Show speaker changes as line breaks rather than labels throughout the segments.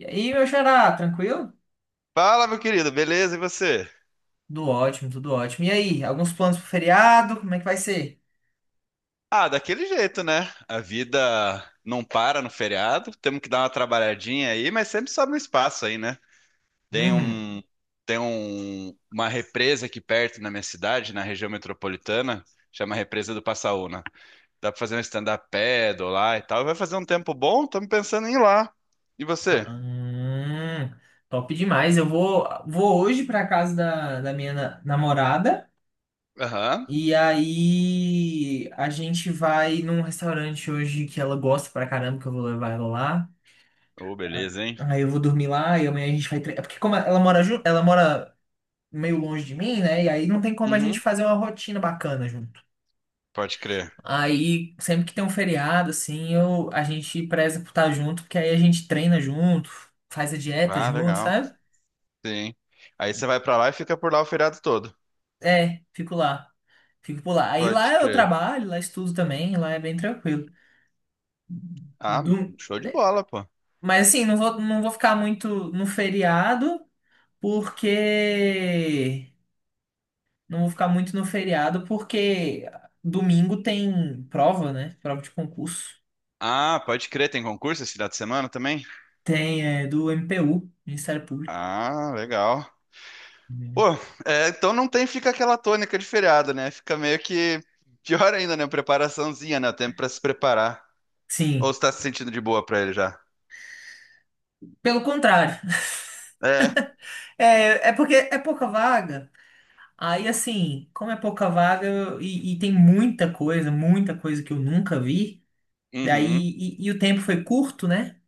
E aí, meu xará, tranquilo?
Fala, meu querido, beleza? E você?
Tudo ótimo, tudo ótimo. E aí, alguns planos pro feriado? Como é que vai ser?
Ah, daquele jeito, né? A vida não para no feriado, temos que dar uma trabalhadinha aí, mas sempre sobra um espaço aí, né? Tem
Uhum.
um, tem uma represa aqui perto na minha cidade, na região metropolitana, chama Represa do Passaúna. Dá pra fazer um stand-up paddle lá e tal. Vai fazer um tempo bom, estamos pensando em ir lá. E
Ah,
você?
top demais. Eu vou hoje pra casa da minha namorada.
Aham.
E aí, a gente vai num restaurante hoje que ela gosta pra caramba, que eu vou levar ela lá.
Oh,
Ah,
beleza, hein?
aí eu vou dormir lá e amanhã a gente vai. Porque como ela mora meio longe de mim, né? E aí não tem como a gente
Uhum.
fazer uma rotina bacana junto.
Pode crer.
Aí, sempre que tem um feriado, assim, a gente preza por estar junto, porque aí a gente treina junto, faz a dieta
Ah,
junto,
legal.
sabe?
Sim. Aí você vai pra lá e fica por lá o feriado todo.
É, fico lá. Fico por lá. Aí lá
Pode
eu
crer.
trabalho, lá estudo também, lá é bem tranquilo.
Ah,
Do-
show de bola, pô.
Mas assim, não vou ficar muito no feriado, porque. Não vou ficar muito no feriado, porque domingo tem prova, né? Prova de concurso.
Ah, pode crer, tem concurso esse final de semana também?
Tem, é, do MPU, Ministério Público.
Ah, legal. Pô, é, então não tem, fica aquela tônica de feriado, né? Fica meio que pior ainda, né? Preparaçãozinha, né? Tempo pra se preparar. Ou
Sim.
você tá se sentindo de boa pra ele já?
Pelo contrário.
É.
É, porque é pouca vaga. Aí, assim, como é pouca vaga e tem muita coisa que eu nunca vi, daí,
Uhum,
e o tempo foi curto, né?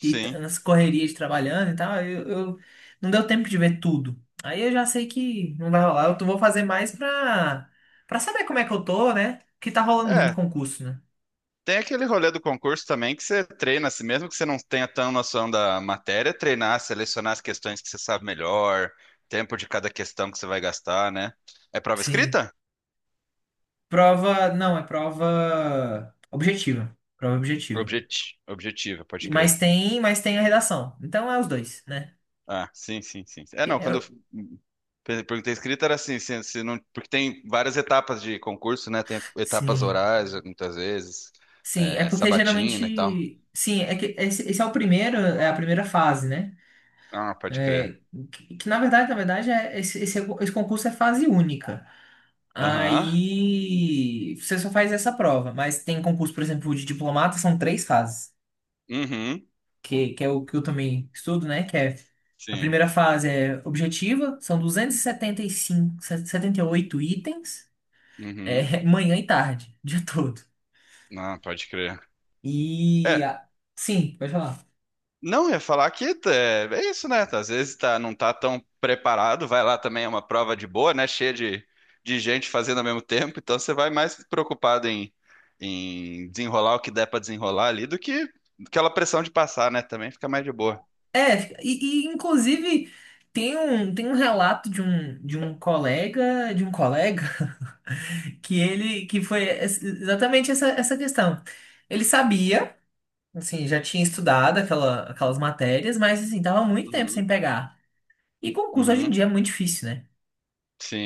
Nas correrias de trabalhando e tal, não deu tempo de ver tudo. Aí eu já sei que não vai rolar. Vou fazer mais pra saber como é que eu tô, né? Que tá rolando muito
É,
concurso, né?
tem aquele rolê do concurso também que você treina, assim, mesmo que você não tenha tão noção da matéria, treinar, selecionar as questões que você sabe melhor, tempo de cada questão que você vai gastar, né? É prova
Sim.
escrita?
Prova, não, é prova objetiva. Prova objetiva.
Objetiva, pode
Mas
crer.
tem, mas tem a redação. Então é os dois, né?
Ah, sim, sim, sim. É, não, quando eu perguntei escrita era assim, se não, porque tem várias etapas de concurso, né? Tem etapas
Sim,
orais, muitas vezes,
sim, é
é,
porque
sabatina e tal.
geralmente, sim, é que esse é o primeiro, é a primeira fase, né?
Ah, pode crer.
É, na verdade, esse concurso é fase única.
Aham.
Aí você só faz essa prova, mas tem concurso, por exemplo, de diplomata, são três fases,
Uhum.
que é o que eu também estudo, né? Que é a
Sim.
primeira fase é objetiva, são 270, setenta e cinco, setenta e oito itens,
Uhum.
manhã e tarde, o dia todo.
Não, pode crer.
E
É,
a- sim, pode falar.
não, eu ia falar que é isso, né? Às vezes tá, não tá tão preparado, vai lá também, é uma prova de boa, né? Cheia de gente fazendo ao mesmo tempo, então você vai mais preocupado em desenrolar o que der pra desenrolar ali do que aquela pressão de passar, né? Também fica mais de boa.
É, inclusive tem um relato de um colega, que que foi exatamente essa questão. Ele sabia, assim, já tinha estudado aquelas matérias, mas assim, tava muito tempo
Uhum.
sem pegar. E concurso hoje em
Uhum,
dia é muito difícil, né?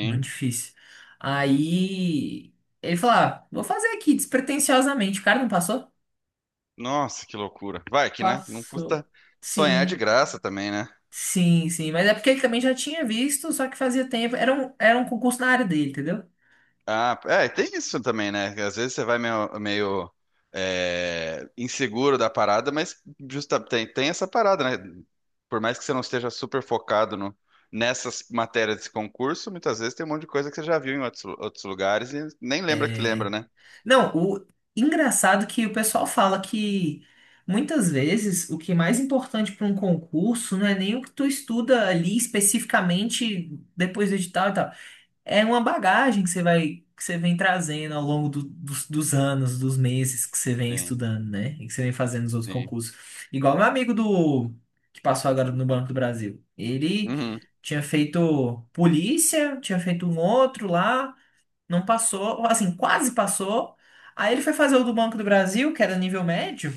Muito difícil. Aí ele falou, ah, vou fazer aqui, despretensiosamente. O cara não passou?
Nossa, que loucura. Vai que, né? Não
Passou.
custa sonhar de
Sim.
graça também, né?
Sim, sim, mas é porque ele também já tinha visto, só que fazia tempo. Era um concurso na área dele, entendeu?
Ah, é, tem isso também, né? Às vezes você vai meio, é, inseguro da parada, mas justa, tem essa parada, né? Por mais que você não esteja super focado no, nessas matérias desse concurso, muitas vezes tem um monte de coisa que você já viu em outros lugares e nem lembra que lembra, né?
Não, o engraçado que o pessoal fala que muitas vezes o que é mais importante para um concurso não é nem o que tu estuda ali especificamente depois do edital e tal. É uma bagagem que você vai, que você vem trazendo ao longo dos anos, dos meses que você vem
Sim,
estudando, né? E que você vem fazendo os outros
sim.
concursos. Igual meu amigo do que passou agora no Banco do Brasil. Ele
Uhum,
tinha feito polícia, tinha feito um outro lá, não passou, assim, quase passou. Aí ele foi fazer o do Banco do Brasil, que era nível médio,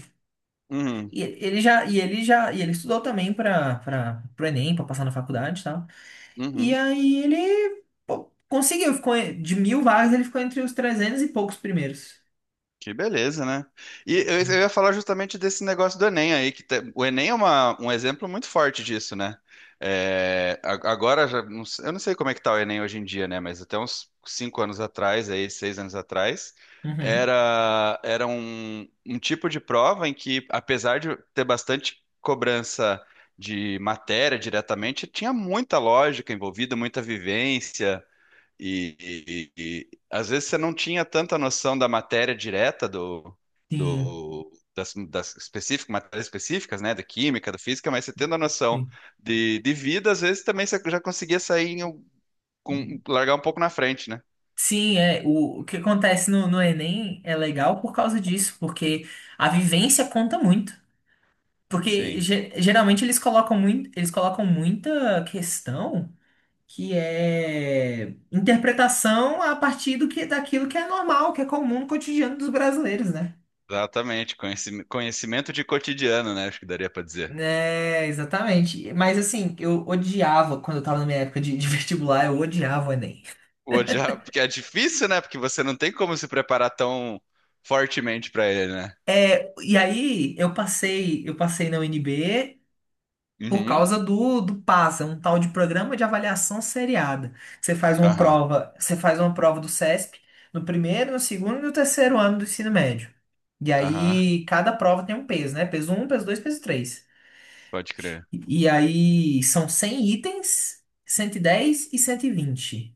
uhum,
e ele estudou também para o Enem, para passar na faculdade, e tal. E
uhum.
aí ele pô, conseguiu, ficou de 1.000 vagas, ele ficou entre os 300 e poucos primeiros.
Que beleza, né? E eu ia falar justamente desse negócio do Enem aí, que tem- o Enem é uma- um exemplo muito forte disso, né? É, a- agora, já não sei- eu não sei como é que tá o Enem hoje em dia, né? Mas até uns cinco anos atrás, aí, seis anos atrás,
Uhum.
era um, um tipo de prova em que, apesar de ter bastante cobrança de matéria diretamente, tinha muita lógica envolvida, muita vivência. E, Às vezes você não tinha tanta noção da matéria direta do,
Sim,
do das, das específicas, matérias específicas, né, da química, da física, mas você tendo a noção
sim.
de vida, às vezes também você já conseguia sair em com, largar um pouco na frente, né?
Sim, é, o que acontece no Enem é legal por causa disso, porque a vivência conta muito. Porque
Sim,
geralmente eles colocam muita questão que é interpretação a partir do que, daquilo que é normal, que é comum no cotidiano dos brasileiros, né?
exatamente. Conhecimento de cotidiano, né? Acho que daria para dizer.
É, exatamente. Mas assim, eu odiava quando eu tava na minha época de vestibular, eu odiava o Enem.
Odiar, porque é difícil, né? Porque você não tem como se preparar tão fortemente para ele, né?
E aí eu passei na UNB por
Uhum.
causa do PASA, um tal de programa de avaliação seriada.
Aham,
Você faz uma prova do CESP no primeiro, no segundo e no terceiro ano do ensino médio. E
aham,
aí cada prova tem um peso, né? Peso um, peso dois, peso três.
pode crer.
E, aí são 100 itens, 110 e 120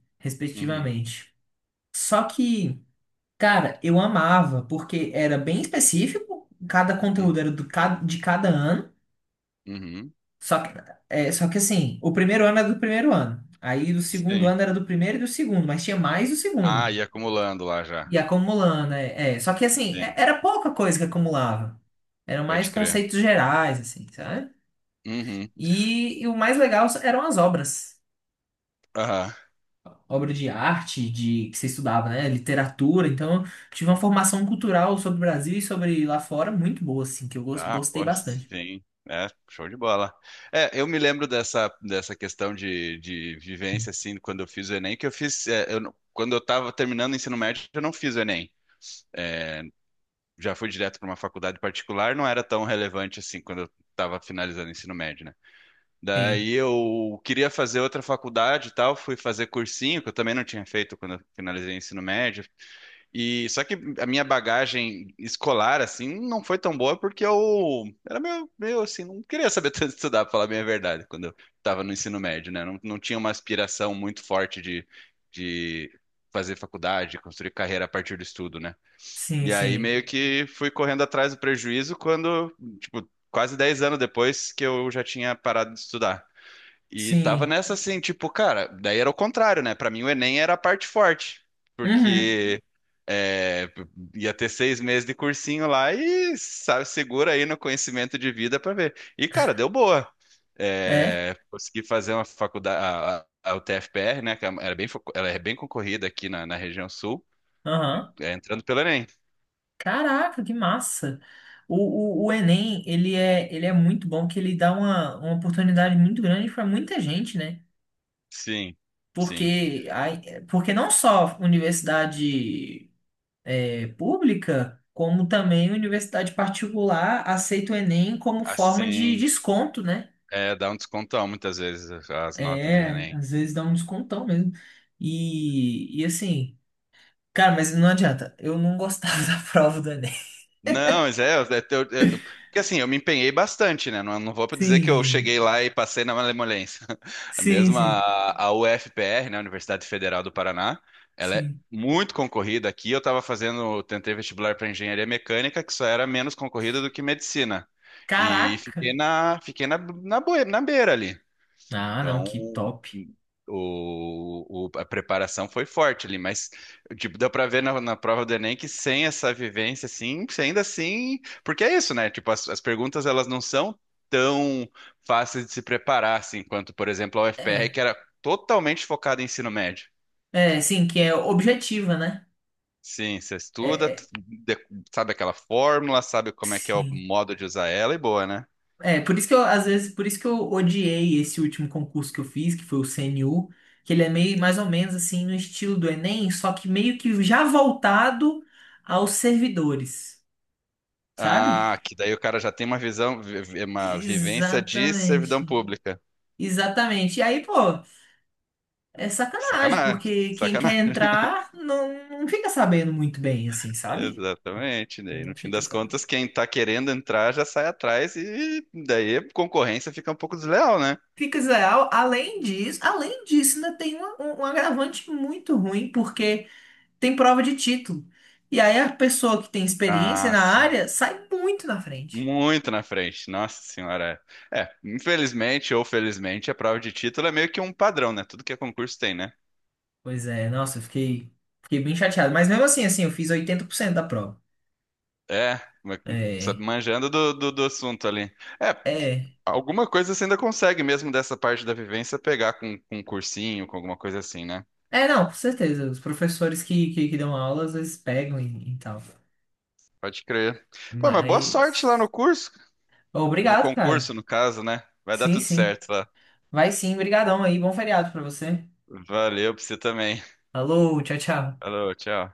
Uhum,
respectivamente. Só que, cara, eu amava, porque era bem específico, cada conteúdo era
uhum,
de cada ano.
uhum.
Só que, só que assim, o primeiro ano era do primeiro ano. Aí do segundo
Sim.
ano era do primeiro e do segundo, mas tinha mais do segundo.
Ah, e acumulando lá já.
E acumulando, é, é. Só que assim,
Sim,
era pouca coisa que acumulava. Eram mais
pode crer.
conceitos gerais, assim, sabe?
Uhum.
E o mais legal eram as obras.
Aham.
Obra de arte, de que você estudava, né? Literatura. Então, eu tive uma formação cultural sobre o Brasil e sobre lá fora muito boa, assim, que eu
Ah,
gostei
pô,
bastante.
sim. É, show de bola. É, eu me lembro dessa questão de vivência, assim, quando eu fiz o Enem, que eu fiz. É, eu não- quando eu tava terminando o ensino médio, eu não fiz o Enem. É, já fui direto para uma faculdade particular, não era tão relevante assim quando eu estava finalizando o ensino médio, né?
Sim,
Daí eu queria fazer outra faculdade e tal, fui fazer cursinho, que eu também não tinha feito quando eu finalizei o ensino médio. E só que a minha bagagem escolar, assim, não foi tão boa porque eu era meio assim, não queria saber tanto estudar, pra falar bem a verdade, quando eu estava no ensino médio, né? Não tinha uma aspiração muito forte de fazer faculdade, construir carreira a partir do estudo, né?
sim,
E aí
sim,
meio que fui correndo atrás do prejuízo quando, tipo, quase 10 anos depois que eu já tinha parado de estudar. E tava
sim.
nessa assim, tipo, cara, daí era o contrário, né? Pra mim o Enem era a parte forte,
Uhum.
porque é, ia ter 6 meses de cursinho lá e, sabe, segura aí no conhecimento de vida pra ver. E, cara, deu boa.
É,
É, consegui fazer uma faculdade, a UTFPR, né? Que era bem, fo- ela é bem concorrida aqui na região sul,
aham.
é, entrando pelo Enem.
Caraca, que massa! O Enem, ele é muito bom, que ele dá uma oportunidade muito grande para muita gente, né?
Sim, sim.
Porque, aí, porque não só universidade é pública, como também universidade particular aceita o Enem como forma de
Assim,
desconto, né?
é, dá um descontão muitas vezes as notas do
É,
Enem.
às vezes dá um descontão mesmo. E assim, cara, mas não adianta, eu não gostava da prova do Enem.
Não, mas é, porque assim, eu me empenhei bastante, né? Não vou dizer que eu
Sim,
cheguei lá e passei na malemolência.
sim,
Mesmo
sim,
a UFPR, né, Universidade Federal do Paraná, ela é
sim.
muito concorrida aqui. Eu estava fazendo, tentei vestibular para engenharia mecânica, que só era menos concorrida do que medicina. E
Caraca!
fiquei na, na, boi- na beira ali.
Ah, não,
Então,
que top.
a preparação foi forte ali, mas tipo, deu para ver na prova do Enem que sem essa vivência, assim, você ainda assim, porque é isso, né? Tipo, as perguntas elas não são tão fáceis de se preparar, assim, quanto, por exemplo, a UFPR,
É,
que era totalmente focada em ensino médio.
é, sim, que é objetiva, né?
Sim, você
É,
estuda,
é,
sabe aquela fórmula, sabe como é que é o
sim.
modo de usar ela e boa, né?
É, por isso que eu, às vezes, por isso que eu odiei esse último concurso que eu fiz, que foi o CNU, que ele é meio mais ou menos assim no estilo do Enem, só que meio que já voltado aos servidores, sabe?
Ah, que daí o cara já tem uma visão, uma vivência de servidão
Exatamente.
pública.
Exatamente. E aí, pô, é sacanagem,
Sacanagem,
porque quem quer
sacanagem.
entrar não fica sabendo muito bem, assim, sabe?
Exatamente. Daí, no
Não
fim
fica
das
sabendo.
contas, quem tá querendo entrar já sai atrás e daí a concorrência fica um pouco desleal, né?
Fica, Zé, além disso, ainda tem um agravante muito ruim, porque. Tem prova de título. E aí a pessoa que tem experiência
Ah,
na
sim.
área sai muito na frente.
Muito na frente, nossa senhora. É, infelizmente ou felizmente, a prova de título é meio que um padrão, né? Tudo que é concurso tem, né?
Pois é, nossa, eu fiquei bem chateado. Mas mesmo assim, eu fiz 80% da prova.
É, mas, sabe,
É,
manjando do assunto ali. É,
é.
alguma coisa você ainda consegue mesmo dessa parte da vivência pegar com um cursinho, com alguma coisa assim, né?
É, não, com certeza. Os professores que dão aula às vezes pegam e tal.
Pode crer. Pô, mas boa sorte lá no
Mas.
curso. No
Obrigado,
concurso,
cara.
no caso, né? Vai dar
Sim,
tudo
sim.
certo lá.
Vai sim, brigadão aí. Bom feriado pra você.
Valeu pra você também.
Alô, tchau, tchau.
Falou, tchau.